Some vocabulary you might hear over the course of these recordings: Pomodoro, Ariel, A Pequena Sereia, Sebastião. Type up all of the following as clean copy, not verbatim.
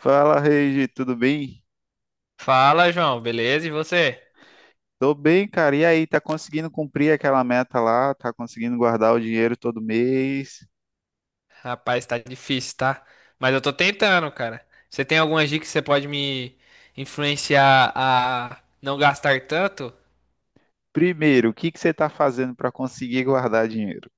Fala, Regi, tudo bem? Fala, João, beleza? E você? Tô bem, cara. E aí, tá conseguindo cumprir aquela meta lá? Tá conseguindo guardar o dinheiro todo mês? Rapaz, tá difícil, tá? Mas eu tô tentando, cara. Você tem alguma dica que você pode me influenciar a não gastar tanto? Primeiro, o que que você tá fazendo para conseguir guardar dinheiro?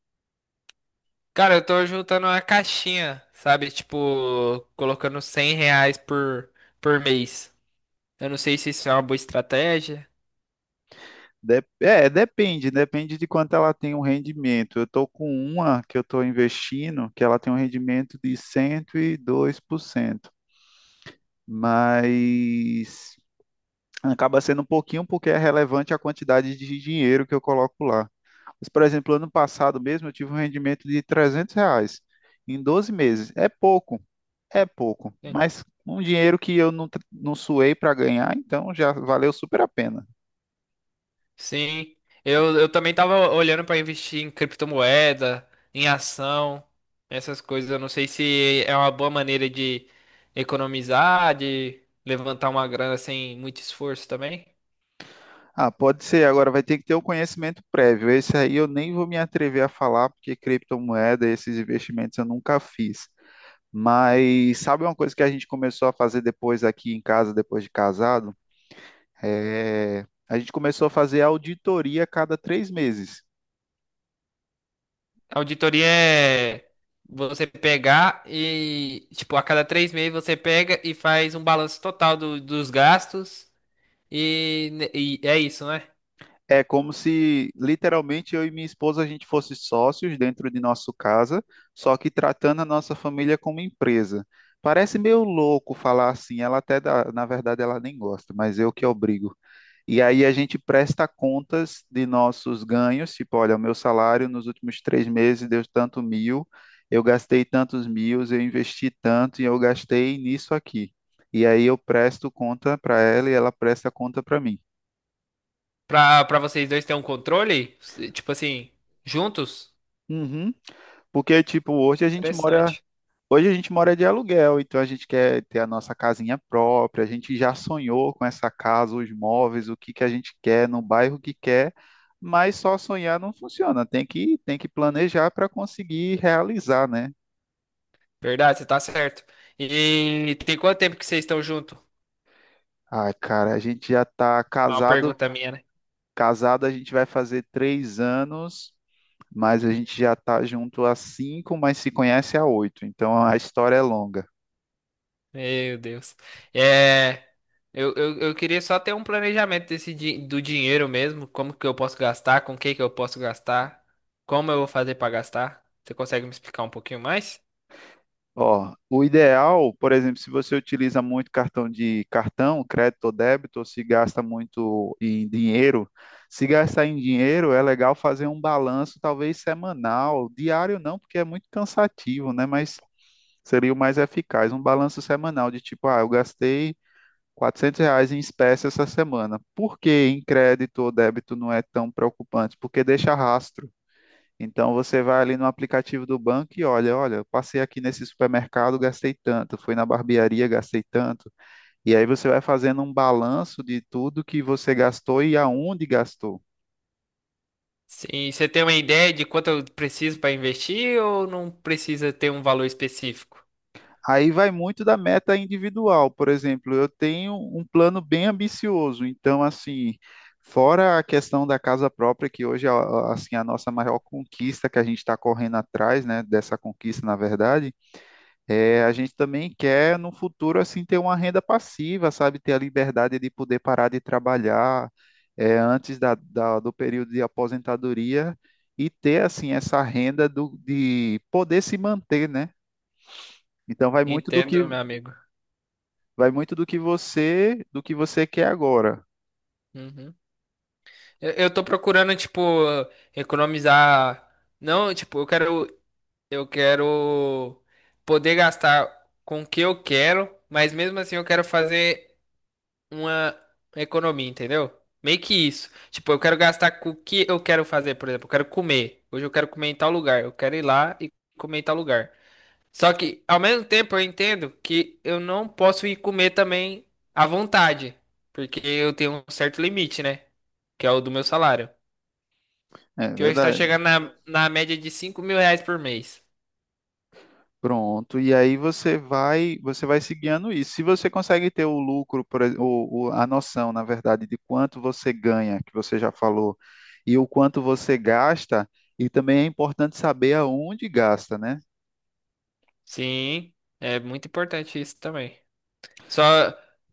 Cara, eu tô juntando uma caixinha, sabe? Tipo, colocando R$ 100 por mês. Eu não sei se isso é uma boa estratégia. Depende de quanto ela tem um rendimento. Eu tô com uma que eu tô investindo, que ela tem um rendimento de 102%, mas acaba sendo um pouquinho porque é relevante a quantidade de dinheiro que eu coloco lá. Mas, por exemplo, ano passado mesmo eu tive um rendimento de R$ 300 em 12 meses. É pouco, mas um dinheiro que eu não, não suei para ganhar, então já valeu super a pena. Sim, eu também tava olhando para investir em criptomoeda, em ação, essas coisas. Eu não sei se é uma boa maneira de economizar, de levantar uma grana sem muito esforço também. Ah, pode ser. Agora vai ter que ter o conhecimento prévio. Esse aí eu nem vou me atrever a falar, porque criptomoeda, esses investimentos eu nunca fiz. Mas sabe uma coisa que a gente começou a fazer depois aqui em casa, depois de casado? É, a gente começou a fazer auditoria a cada 3 meses. Auditoria é você pegar e, tipo, a cada 3 meses você pega e faz um balanço total dos gastos e é isso, né? É como se literalmente eu e minha esposa a gente fosse sócios dentro de nossa casa, só que tratando a nossa família como empresa. Parece meio louco falar assim, ela até na verdade ela nem gosta, mas eu que obrigo. E aí a gente presta contas de nossos ganhos, tipo, olha, o meu salário nos últimos 3 meses deu tanto mil, eu gastei tantos mil, eu investi tanto e eu gastei nisso aqui. E aí eu presto conta para ela e ela presta conta para mim. Pra vocês dois terem um controle, tipo assim, juntos. Uhum. Porque, tipo, hoje a gente mora Interessante. Hoje a gente mora de aluguel, então a gente quer ter a nossa casinha própria, a gente já sonhou com essa casa, os móveis, o que que a gente quer, no bairro que quer, mas só sonhar não funciona, tem que planejar para conseguir realizar, né? Verdade, você tá certo. E tem quanto tempo que vocês estão juntos? Ai, cara, a gente já tá Uma casado, pergunta minha, né? casado a gente vai fazer 3 anos, mas a gente já tá junto há cinco, mas se conhece há oito, então a história é longa. Meu Deus. É, eu queria só ter um planejamento desse, do dinheiro mesmo. Como que eu posso gastar? Com o que que eu posso gastar? Como eu vou fazer pra gastar? Você consegue me explicar um pouquinho mais? Ó, o ideal, por exemplo, se você utiliza muito cartão, crédito ou débito, ou se gasta muito em dinheiro, se gastar em dinheiro é legal fazer um balanço, talvez semanal, diário não, porque é muito cansativo, né? Mas seria o mais eficaz, um balanço semanal de tipo, ah, eu gastei R$ 400 em espécie essa semana. Por que em crédito ou débito não é tão preocupante? Porque deixa rastro. Então você vai ali no aplicativo do banco e olha, olha, eu passei aqui nesse supermercado, gastei tanto, fui na barbearia, gastei tanto. E aí você vai fazendo um balanço de tudo que você gastou e aonde gastou. Sim, você tem uma ideia de quanto eu preciso pra investir ou não precisa ter um valor específico? Aí vai muito da meta individual. Por exemplo, eu tenho um plano bem ambicioso, então assim, fora a questão da casa própria, que hoje é assim a nossa maior conquista que a gente está correndo atrás, né, dessa conquista, na verdade, é, a gente também quer, no futuro, assim, ter uma renda passiva, sabe? Ter a liberdade de poder parar de trabalhar é, antes do período de aposentadoria e ter, assim, essa renda do, de poder se manter, né? Então, Entendo, meu amigo. vai muito do que você quer agora. Uhum. Eu tô procurando, tipo, economizar. Não, tipo, eu quero. Eu quero poder gastar com o que eu quero, mas mesmo assim eu quero fazer uma economia, entendeu? Meio que isso. Tipo, eu quero gastar com o que eu quero fazer, por exemplo, eu quero comer. Hoje eu quero comer em tal lugar. Eu quero ir lá e comer em tal lugar. Só que, ao mesmo tempo, eu entendo que eu não posso ir comer também à vontade, porque eu tenho um certo limite, né? Que é o do meu salário. É Que hoje tá verdade. chegando na média de R$ 5.000 por mês. Pronto, e aí você vai, se guiando isso. Se você consegue ter o lucro, por ex- o- a noção, na verdade, de quanto você ganha, que você já falou, e o quanto você gasta, e também é importante saber aonde gasta, né? Sim, é muito importante isso também. Só,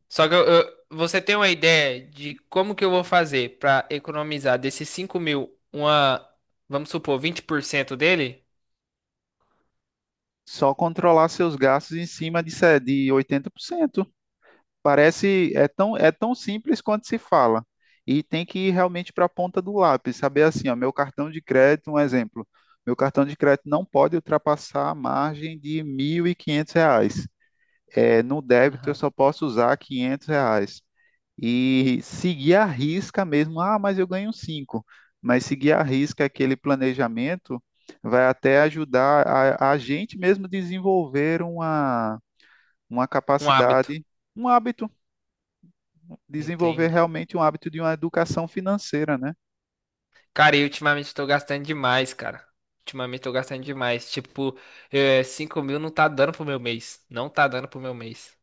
só que você tem uma ideia de como que eu vou fazer para economizar desses 5 mil, uma, vamos supor, 20% dele? Só controlar seus gastos em cima de, se- de 80%. Parece, é tão simples quanto se fala. E tem que ir realmente para a ponta do lápis, saber assim, ó, meu cartão de crédito, um exemplo, meu cartão de crédito não pode ultrapassar a margem de R$ 1.500. É, no débito eu Aham. só posso usar R$ 500. E seguir a risca mesmo, ah, mas eu ganho cinco. Mas seguir a risca aquele planejamento vai até ajudar a gente mesmo desenvolver uma, uma Um hábito, capacidade, um hábito desenvolver entende? realmente um hábito de uma educação financeira, né? Cara, e ultimamente eu tô gastando demais, cara. Ultimamente eu tô gastando demais. Tipo, 5 mil não tá dando pro meu mês. Não tá dando pro meu mês.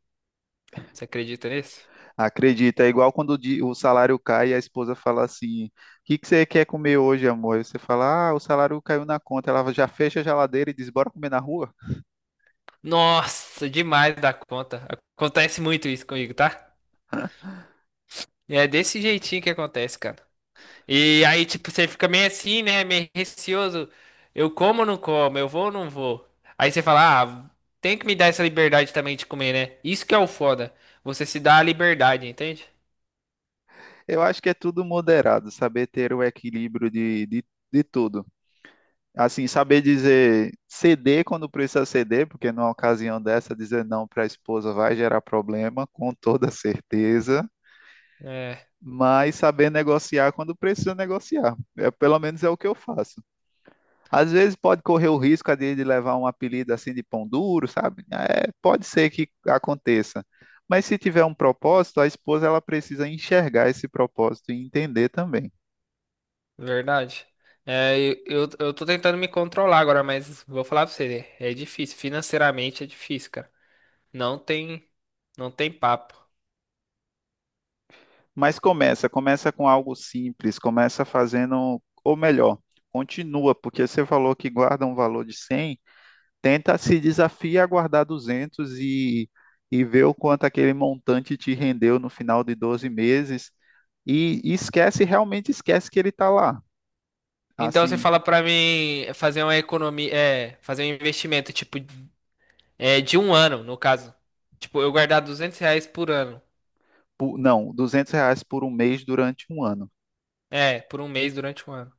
Você acredita nisso? Acredita, é igual quando o salário cai e a esposa fala assim: o que que você quer comer hoje, amor? E você fala: ah, o salário caiu na conta. Ela já fecha a geladeira e diz: bora comer na rua? Nossa, demais da conta. Acontece muito isso comigo, tá? E é desse jeitinho que acontece, cara. E aí, tipo, você fica meio assim, né? Meio receoso. Eu como ou não como? Eu vou ou não vou? Aí você fala, ah, tem que me dar essa liberdade também de comer, né? Isso que é o foda. Você se dá a liberdade, entende? Eu acho que é tudo moderado, saber ter o equilíbrio de tudo. Assim, saber dizer ceder quando precisa ceder, porque numa ocasião dessa, dizer não para a esposa vai gerar problema, com toda certeza, É, mas saber negociar quando precisa negociar. É, pelo menos é o que eu faço. Às vezes pode correr o risco de levar um apelido assim de pão duro, sabe? É, pode ser que aconteça. Mas se tiver um propósito, a esposa ela precisa enxergar esse propósito e entender também. verdade. É, eu tô tentando me controlar agora, mas vou falar pra você, né? É difícil. Financeiramente é difícil, cara. Não tem, não tem papo. Mas começa com algo simples, começa fazendo, ou melhor, continua, porque você falou que guarda um valor de 100. Tenta, se desafia a guardar 200, e ver o quanto aquele montante te rendeu no final de 12 meses, e esquece, realmente esquece que ele está lá. Então você Assim, fala pra mim fazer uma economia, fazer um investimento tipo é de um ano, no caso. Tipo, eu guardar R$ 200 por ano. Não, R$ 200 por um mês durante um ano. É, por um mês durante um ano.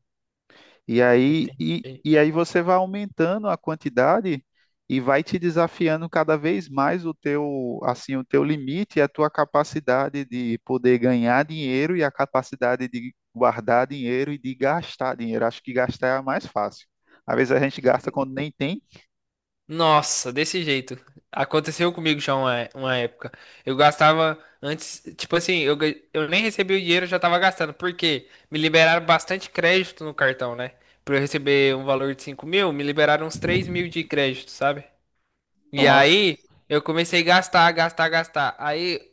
Entendi. E aí você vai aumentando a quantidade e vai te desafiando cada vez mais o teu, assim, o teu limite e a tua capacidade de poder ganhar dinheiro e a capacidade de guardar dinheiro e de gastar dinheiro. Acho que gastar é a mais fácil. Às vezes a gente gasta quando nem tem. Nossa, desse jeito. Aconteceu comigo já uma época. Eu gastava antes, tipo assim, eu nem recebi o dinheiro, eu já tava gastando. Por quê? Me liberaram bastante crédito no cartão, né? Pra eu receber um valor de 5 mil, me liberaram uns 3 mil de crédito, sabe? E aí, Nossa. eu comecei a gastar, gastar, gastar. Aí,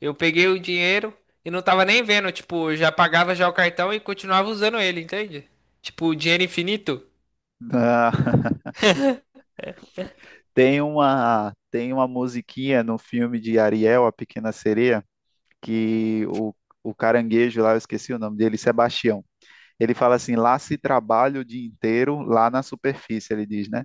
eu peguei o dinheiro e não tava nem vendo, tipo, eu já pagava já o cartão e continuava usando ele, entende? Tipo, dinheiro infinito. Ah, tem uma musiquinha no filme de Ariel, A Pequena Sereia, que o caranguejo lá, eu esqueci o nome dele, Sebastião. Ele fala assim: lá se trabalha o dia inteiro, lá na superfície, ele diz, né?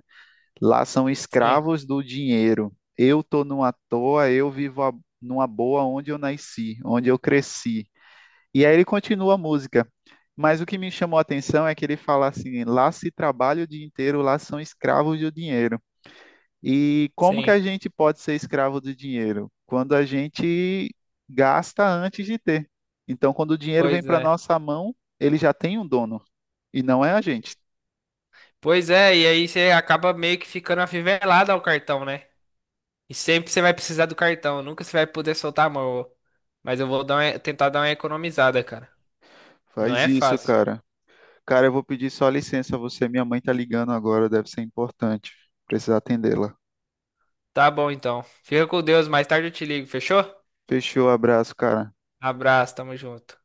Lá são Sim, escravos do dinheiro. Eu tô numa toa, eu vivo numa boa onde eu nasci, onde eu cresci. E aí ele continua a música. Mas o que me chamou a atenção é que ele fala assim: lá se trabalha o dia inteiro, lá são escravos do dinheiro. E como que sim. a gente pode ser escravo do dinheiro? Quando a gente gasta antes de ter. Então, quando o dinheiro vem Pois para é. nossa mão, ele já tem um dono e não é a gente. Pois é, e aí você acaba meio que ficando afivelado ao cartão, né? E sempre você vai precisar do cartão, nunca você vai poder soltar a mão. Mas eu vou dar tentar dar uma economizada, cara. Não Faz é isso, fácil. cara. Cara, eu vou pedir só licença a você. Minha mãe tá ligando agora, deve ser importante. Precisa atendê-la. Tá bom então. Fica com Deus, mais tarde eu te ligo, fechou? Fechou, abraço, cara. Abraço, tamo junto.